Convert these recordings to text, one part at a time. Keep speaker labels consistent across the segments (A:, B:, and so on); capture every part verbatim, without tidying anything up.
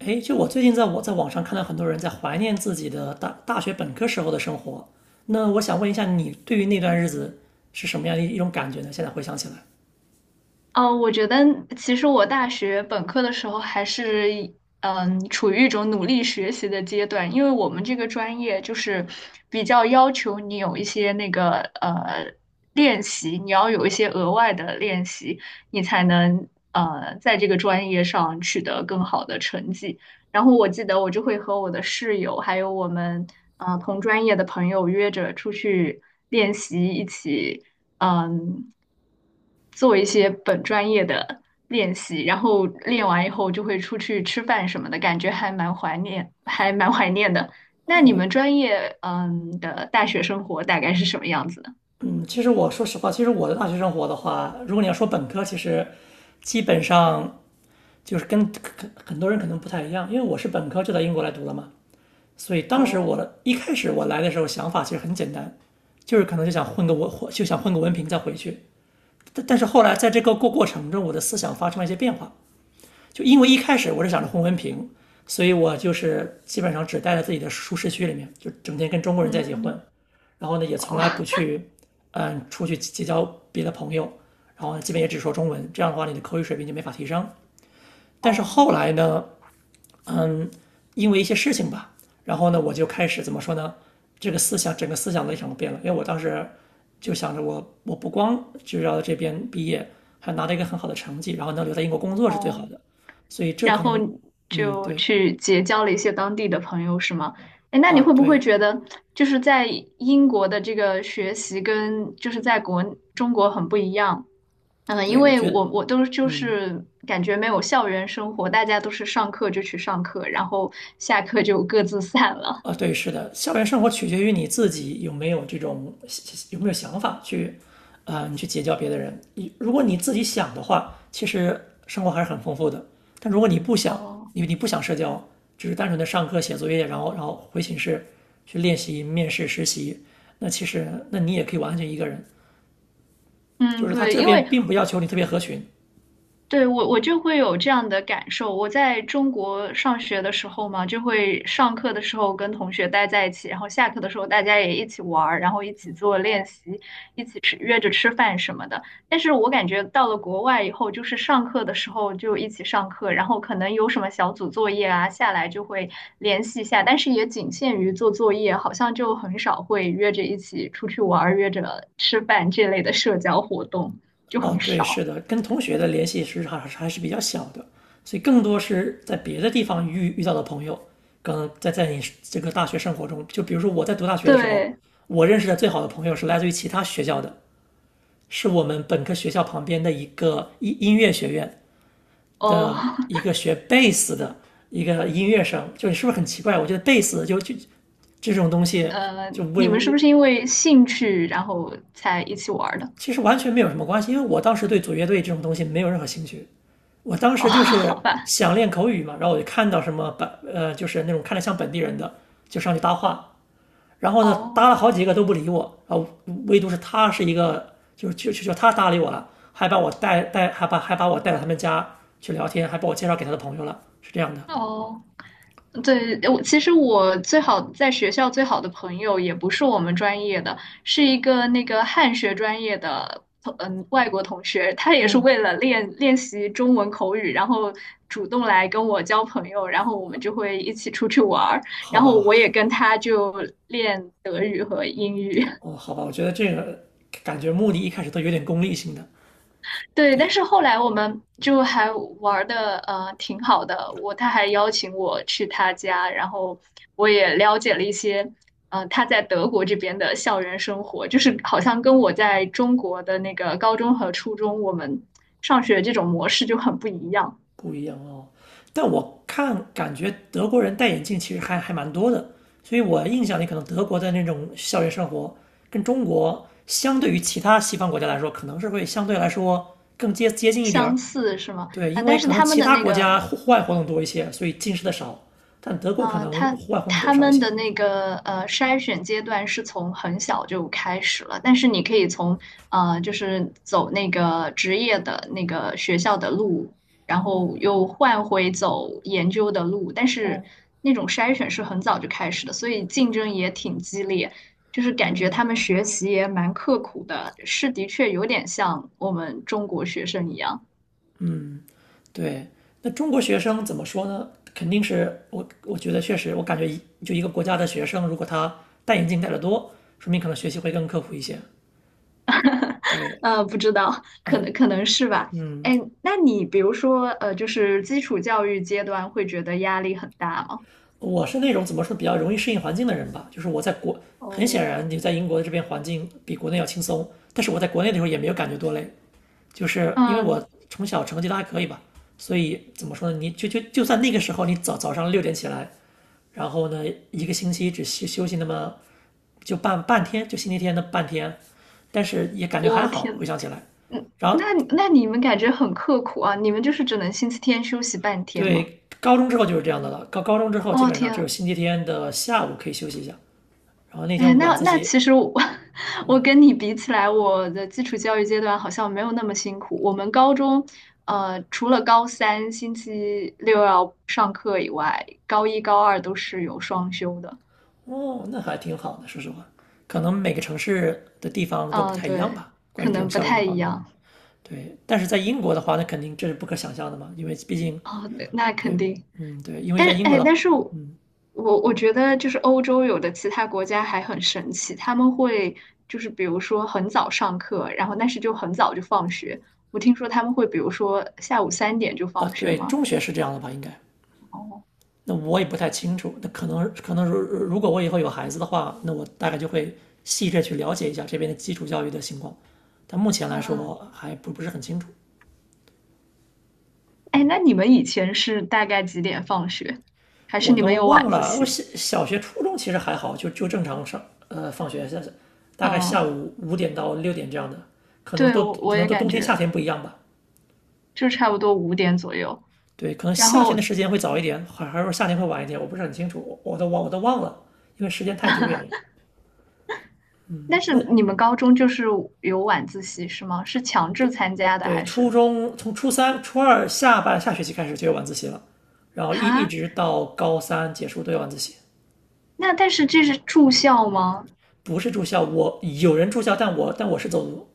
A: 哎，就我最近在我在网上看到很多人在怀念自己的大大学本科时候的生活，那我想问一下，你对于那段日子是什么样的一一种感觉呢？现在回想起来，
B: 嗯，我觉得其实我大学本科的时候还是嗯处于一种努力学习的阶段，因为我们这个专业就是比较要求你有一些那个呃练习，你要有一些额外的练习，你才能呃在这个专业上取得更好的成绩。然后我记得我就会和我的室友还有我们呃同专业的朋友约着出去练习，一起。嗯，做一些本专业的练习，然后练完以后就会出去吃饭什么的，感觉还蛮怀念，还蛮怀念的。那你
A: 哦，
B: 们专业嗯的大学生活大概是什么样子呢？
A: 嗯，其实我说实话，其实我的大学生活的话，如果你要说本科，其实基本上就是跟很很多人可能不太一样，因为我是本科就到英国来读了嘛，所以当时我
B: 哦。
A: 的一开始我来的时候想法其实很简单，就是可能就想混个文，就想混个文凭再回去。但但是后来在这个过过程中，我的思想发生了一些变化，就因为一开始我是想着混文凭，所以我就是基本上只待在自己的舒适区里面，就整天跟中国人在一起混，
B: 嗯。
A: 然后呢也从
B: 哦。
A: 来不去，嗯，出去结交别的朋友，然后呢基本也只说中文，这样的话你的口语水平就没法提升。但是后
B: 哦
A: 来呢，嗯，因为一些事情吧，然后呢，我就开始怎么说呢？这个思想，整个思想的立场都变了。因为我当时就想着我，我不光就要在这边毕业，还拿到一个很好的成绩，然后能留在英国工作是最好
B: 哦。
A: 的。所以这
B: 然
A: 可
B: 后
A: 能，
B: 你
A: 嗯，
B: 就
A: 对
B: 去结交了一些当地的朋友，是吗？哎，那你
A: 啊，
B: 会不会
A: 对
B: 觉得，就是在英国的这个学习跟就是在国中国很不一样？嗯，因
A: 对，我
B: 为
A: 觉得，
B: 我我都就
A: 嗯。
B: 是感觉没有校园生活，大家都是上课就去上课，然后下课就各自散了。
A: 啊，对，是的，校园生活取决于你自己有没有这种有没有想法去，啊、你去结交别的人。你如果你自己想的话，其实生活还是很丰富的。但如果你不想，
B: 哦。
A: 因为你不想社交，只是单纯的上课写作业，然后然后回寝室去练习、面试、实习，那其实那你也可以完全一个人。就
B: 嗯。
A: 是他
B: 对，
A: 这
B: 因
A: 边
B: 为
A: 并不要求你特别合群，
B: 对，我我就会有这样的感受。我在中国上学的时候嘛，就会上课的时候跟同学待在一起，然后下课的时候大家也一起玩儿，然后一起做练习，一起吃，约着吃饭什么的。但是我感觉到了国外以后，就是上课的时候就一起上课，然后可能有什么小组作业啊，下来就会联系一下，但是也仅限于做作业，好像就很少会约着一起出去玩儿，约着吃饭这类的社交活动就
A: 哦，
B: 很
A: 对，是
B: 少。
A: 的，跟同学的联系实际上还是还是比较小的，所以更多是在别的地方遇遇到的朋友，可能在在你这个大学生活中，就比如说我在读大学的时候，
B: 对。
A: 我认识的最好的朋友是来自于其他学校的，是我们本科学校旁边的一个音音乐学院
B: 哦。
A: 的一个学贝斯的一个音乐生，就是是不是很奇怪？我觉得贝斯就就这种东 西
B: 呃，
A: 就为
B: 你们是
A: 我
B: 不是因为兴趣然后才一起玩儿的？
A: 其实完全没有什么关系，因为我当时对组乐队这种东西没有任何兴趣。我当
B: 哦，
A: 时就是
B: 好吧。
A: 想练口语嘛，然后我就看到什么本呃，就是那种看着像本地人的，就上去搭话。然后呢，搭了
B: 哦
A: 好几个都不理我，啊，唯独是他是一个，就是就就就他搭理我了，还把我带带，还把还把我带到他们家去聊天，还把我介绍给他的朋友了，是这样的。
B: 哦，对，我其实我最好在学校最好的朋友也不是我们专业的，是一个那个汉学专业的同嗯外国同学，他也是
A: 哦，
B: 为了练练习中文口语，然后主动来跟我交朋友，然后我们就会一起出去玩儿，然
A: 好
B: 后我
A: 吧，
B: 也跟他就练德语和英语。
A: 哦，好吧，我觉得这个感觉目的一开始都有点功利性的，
B: 对，但是后来我们就还玩的呃挺好的，我他还邀请我去他家，然后我也了解了一些呃他在德国这边的校园生活，就是好像跟我在中国的那个高中和初中我们上学这种模式就很不一样，
A: 不一样哦。但我看感觉德国人戴眼镜其实还还蛮多的，所以我印象里可能德国的那种校园生活跟中国相对于其他西方国家来说，可能是会相对来说更接接近一点
B: 相
A: 儿。
B: 似是吗？
A: 对，
B: 啊，
A: 因
B: 但
A: 为
B: 是
A: 可能
B: 他们
A: 其
B: 的
A: 他
B: 那
A: 国
B: 个
A: 家户户外活动多一些，所以近视的少，但德国可
B: 嗯、呃
A: 能
B: 他
A: 户外活动多
B: 他
A: 少一
B: 们
A: 些。
B: 的那个呃筛选阶段是从很小就开始了，但是你可以从呃就是走那个职业的那个学校的路，然
A: 哦
B: 后又换回走研究的路，但是
A: 哦，
B: 那种筛选是很早就开始的，所以竞争也挺激烈，就是感觉他
A: 嗯
B: 们学习也蛮刻苦的，是的确有点像我们中国学生一样。
A: 嗯。对，那中国学生怎么说呢？肯定是我，我觉得确实，我感觉一就一个国家的学生，如果他戴眼镜戴得多，说明可能学习会更刻苦一些。对，
B: 呃，不知道，可
A: 呃，
B: 能可能是吧。
A: 嗯，
B: 哎，那你比如说，呃，就是基础教育阶段会觉得压力很大吗？
A: 我是那种怎么说比较容易适应环境的人吧，就是我在国，很显
B: 哦。
A: 然你在英国的这边环境比国内要轻松，但是我在国内的时候也没有感觉多累，就是因为
B: 嗯。
A: 我从小成绩都还可以吧，所以怎么说呢？你就就就算那个时候你早早上六点起来，然后呢一个星期只休休息那么就半半天，就星期天的半天，但是也感觉还
B: 我
A: 好，回
B: 天，
A: 想起来。
B: 嗯，
A: 然后
B: 那那你们感觉很刻苦啊？你们就是只能星期天休息半天吗？
A: 对高中之后就是这样的了，高高中之后基
B: 哦
A: 本上只有
B: 天。
A: 星期天的下午可以休息一下，然后那
B: 哎，
A: 天晚
B: 那
A: 自
B: 那
A: 习，
B: 其实我 我跟你比起来，我的基础教育阶段好像没有那么辛苦。我们高中，呃，除了高三星期六要上课以外，高一高二都是有双休的。
A: 哦，那还挺好的，说实话，可能每个城市的地方都不
B: 啊，
A: 太一样
B: 对，
A: 吧，关于
B: 可
A: 这种
B: 能不
A: 校园的
B: 太
A: 方
B: 一
A: 面。
B: 样。
A: 对，但是在英国的话，那肯定这是不可想象的嘛，因为毕竟
B: 啊，那那肯
A: 对，
B: 定。
A: 嗯，对，因为
B: 但
A: 在
B: 是，
A: 英国
B: 哎，
A: 的
B: 但是我我我觉得就是欧洲有的其他国家还很神奇，他们会就是比如说很早上课，然后但是就很早就放学。我听说他们会比如说下午三点就
A: 啊，
B: 放学
A: 对，
B: 吗？
A: 中学是这样的吧，应该。
B: 哦。
A: 那我也不太清楚，那可能可能如如果我以后有孩子的话，那我大概就会细致去了解一下这边的基础教育的情况，但目前来
B: 那
A: 说还不不是很清楚，
B: 哎，那你们以前是大概几点放学？还是
A: 我
B: 你们
A: 都
B: 有
A: 忘
B: 晚自
A: 了，我
B: 习？
A: 小小学、初中其实还好，就就正常上呃放学下，大概下
B: 嗯，
A: 午五点到六点这样的，可能
B: 对，
A: 都
B: 我
A: 可
B: 我
A: 能
B: 也
A: 都
B: 感
A: 冬天夏
B: 觉
A: 天不一样吧。
B: 就差不多五点左右。
A: 对，可能
B: 然
A: 夏天的
B: 后
A: 时间会早一点，还还是说夏天会晚一点，我不是很清楚，我都忘我都忘了，因为时间太久远了。
B: 但是
A: 那
B: 你们高中就是有晚自习是吗？是强制参加的
A: 对，
B: 还
A: 初
B: 是？
A: 中从初三、初二下半下学期开始就有晚自习了，然后一一
B: 哈？
A: 直到高三结束都有晚自习，
B: 那但是这是住校吗？
A: 不是住校，我有人住校，但我但我是走读，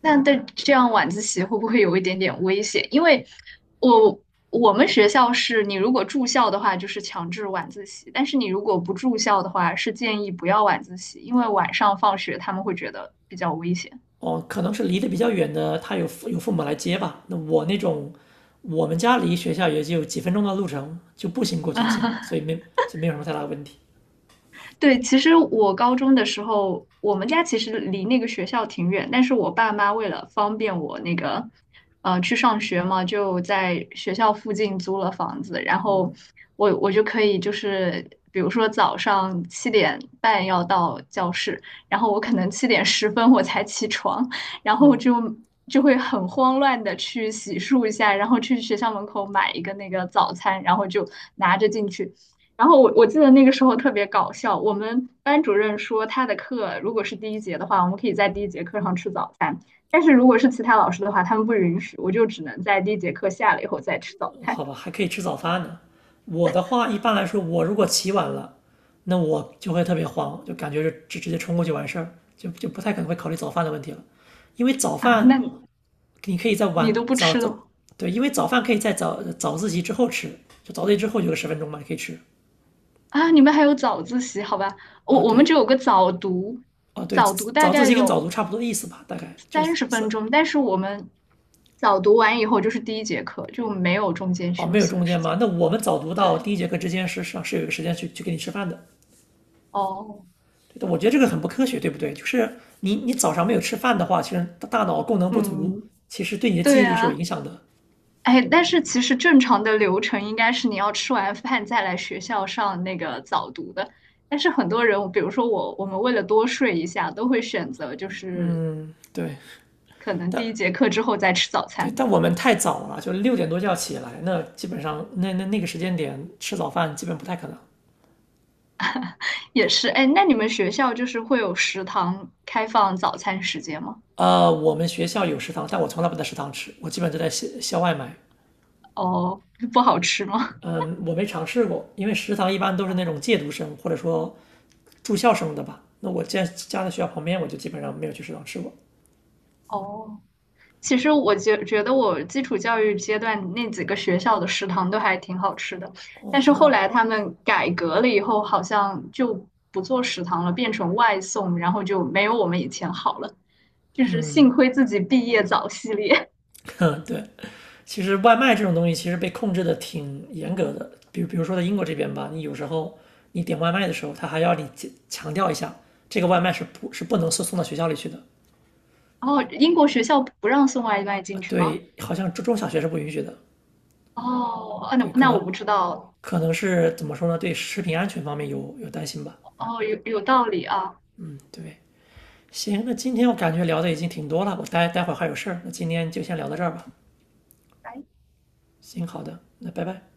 B: 那但这样晚自习会不会有一点点危险？因为我我们学校是你如果住校的话就是强制晚自习，但是你如果不住校的话是建议不要晚自习，因为晚上放学他们会觉得比较危险。
A: 哦，可能是离得比较远的，他有父有父母来接吧。那我那种，我们家离学校也就几分钟的路程，就步行过去就行，所以 没所以没有什么太大的问题。
B: 对，其实我高中的时候，我们家其实离那个学校挺远，但是我爸妈为了方便我那个，呃，去上学嘛，就在学校附近租了房子，然后我我就可以就是，比如说早上七点半要到教室，然后我可能七点十分我才起床，然后
A: 嗯，
B: 就就会很慌乱的去洗漱一下，然后去学校门口买一个那个早餐，然后就拿着进去。然后我我记得那个时候特别搞笑，我们班主任说他的课如果是第一节的话，我们可以在第一节课上吃早餐，但是如果是其他老师的话，他们不允许，我就只能在第一节课下了以后再吃早
A: 好
B: 餐。
A: 吧，还可以吃早饭呢。我的话，一般来说，我如果起晚了，那我就会特别慌，就感觉就直直接冲过去完事儿，就就不太可能会考虑早饭的问题了，因为早
B: 啊。那
A: 饭
B: 你
A: 你可以在
B: 你
A: 晚
B: 都不
A: 早
B: 吃的
A: 早，
B: 吗？
A: 对，因为早饭可以在早早自习之后吃，就早自习之后有个十分钟嘛，可以吃。
B: 啊？你们还有早自习？好吧，我
A: 啊，
B: 我们
A: 对，
B: 只有个早读，
A: 啊对，
B: 早读大
A: 早自
B: 概
A: 习跟早读
B: 有
A: 差不多意思吧，大概就是
B: 三十
A: 三
B: 分钟，但是我们早读完以后就是第一节课，就没有中间
A: 哦，
B: 休
A: 没有
B: 息
A: 中
B: 的
A: 间
B: 时间。
A: 吗？那我们早读到
B: 对。
A: 第一节课之间是上是有一个时间去去给你吃饭的，
B: 哦。
A: 对的我觉得这个很不科学，对不对？就是你你早上没有吃饭的话，其实大脑功能不足，
B: 嗯。
A: 其实对你的记
B: 对
A: 忆力是有
B: 啊。
A: 影响的。
B: 哎，但是其实正常的流程应该是你要吃完饭再来学校上那个早读的。但是很多人，比如说我，我们为了多睡一下，都会选择就是
A: 对，
B: 可能第一
A: 但
B: 节课之后再吃早
A: 对，
B: 餐，
A: 但我们太早了，就六点多就要起来，那基本上那那那个时间点吃早饭基本不太可能。
B: 也是。哎，那你们学校就是会有食堂开放早餐时间吗？
A: 呃，我们学校有食堂，但我从来不在食堂吃，我基本都在校校外买。
B: 哦。不好吃吗？
A: 嗯，我没尝试过，因为食堂一般都是那种借读生或者说住校生的吧。那我家家在学校旁边，我就基本上没有去食堂吃过。
B: 哦。其实我觉觉得我基础教育阶段那几个学校的食堂都还挺好吃的，但是后
A: 哦，
B: 来他们改革了以后，好像就不做食堂了，变成外送，然后就没有我们以前好了。就是幸亏自己毕业早系列。
A: 对，其实外卖这种东西其实被控制的挺严格的，比如比如说在英国这边吧，你有时候你点外卖的时候，他还要你强强调一下，这个外卖是不是不能送送到学校里去的？
B: 然后英国学校不让送外卖进去吗？
A: 对，好像中中小学是不允许的。
B: 哦。啊那
A: 对，可
B: 那我
A: 能
B: 不知道。
A: 可能是怎么说呢？对食品安全方面有有担心吧。
B: 哦。有有道理啊。
A: 嗯，对。行，那今天我感觉聊的已经挺多了，我待待会儿还有事儿，那今天就先聊到这儿吧。行，好的，那拜拜。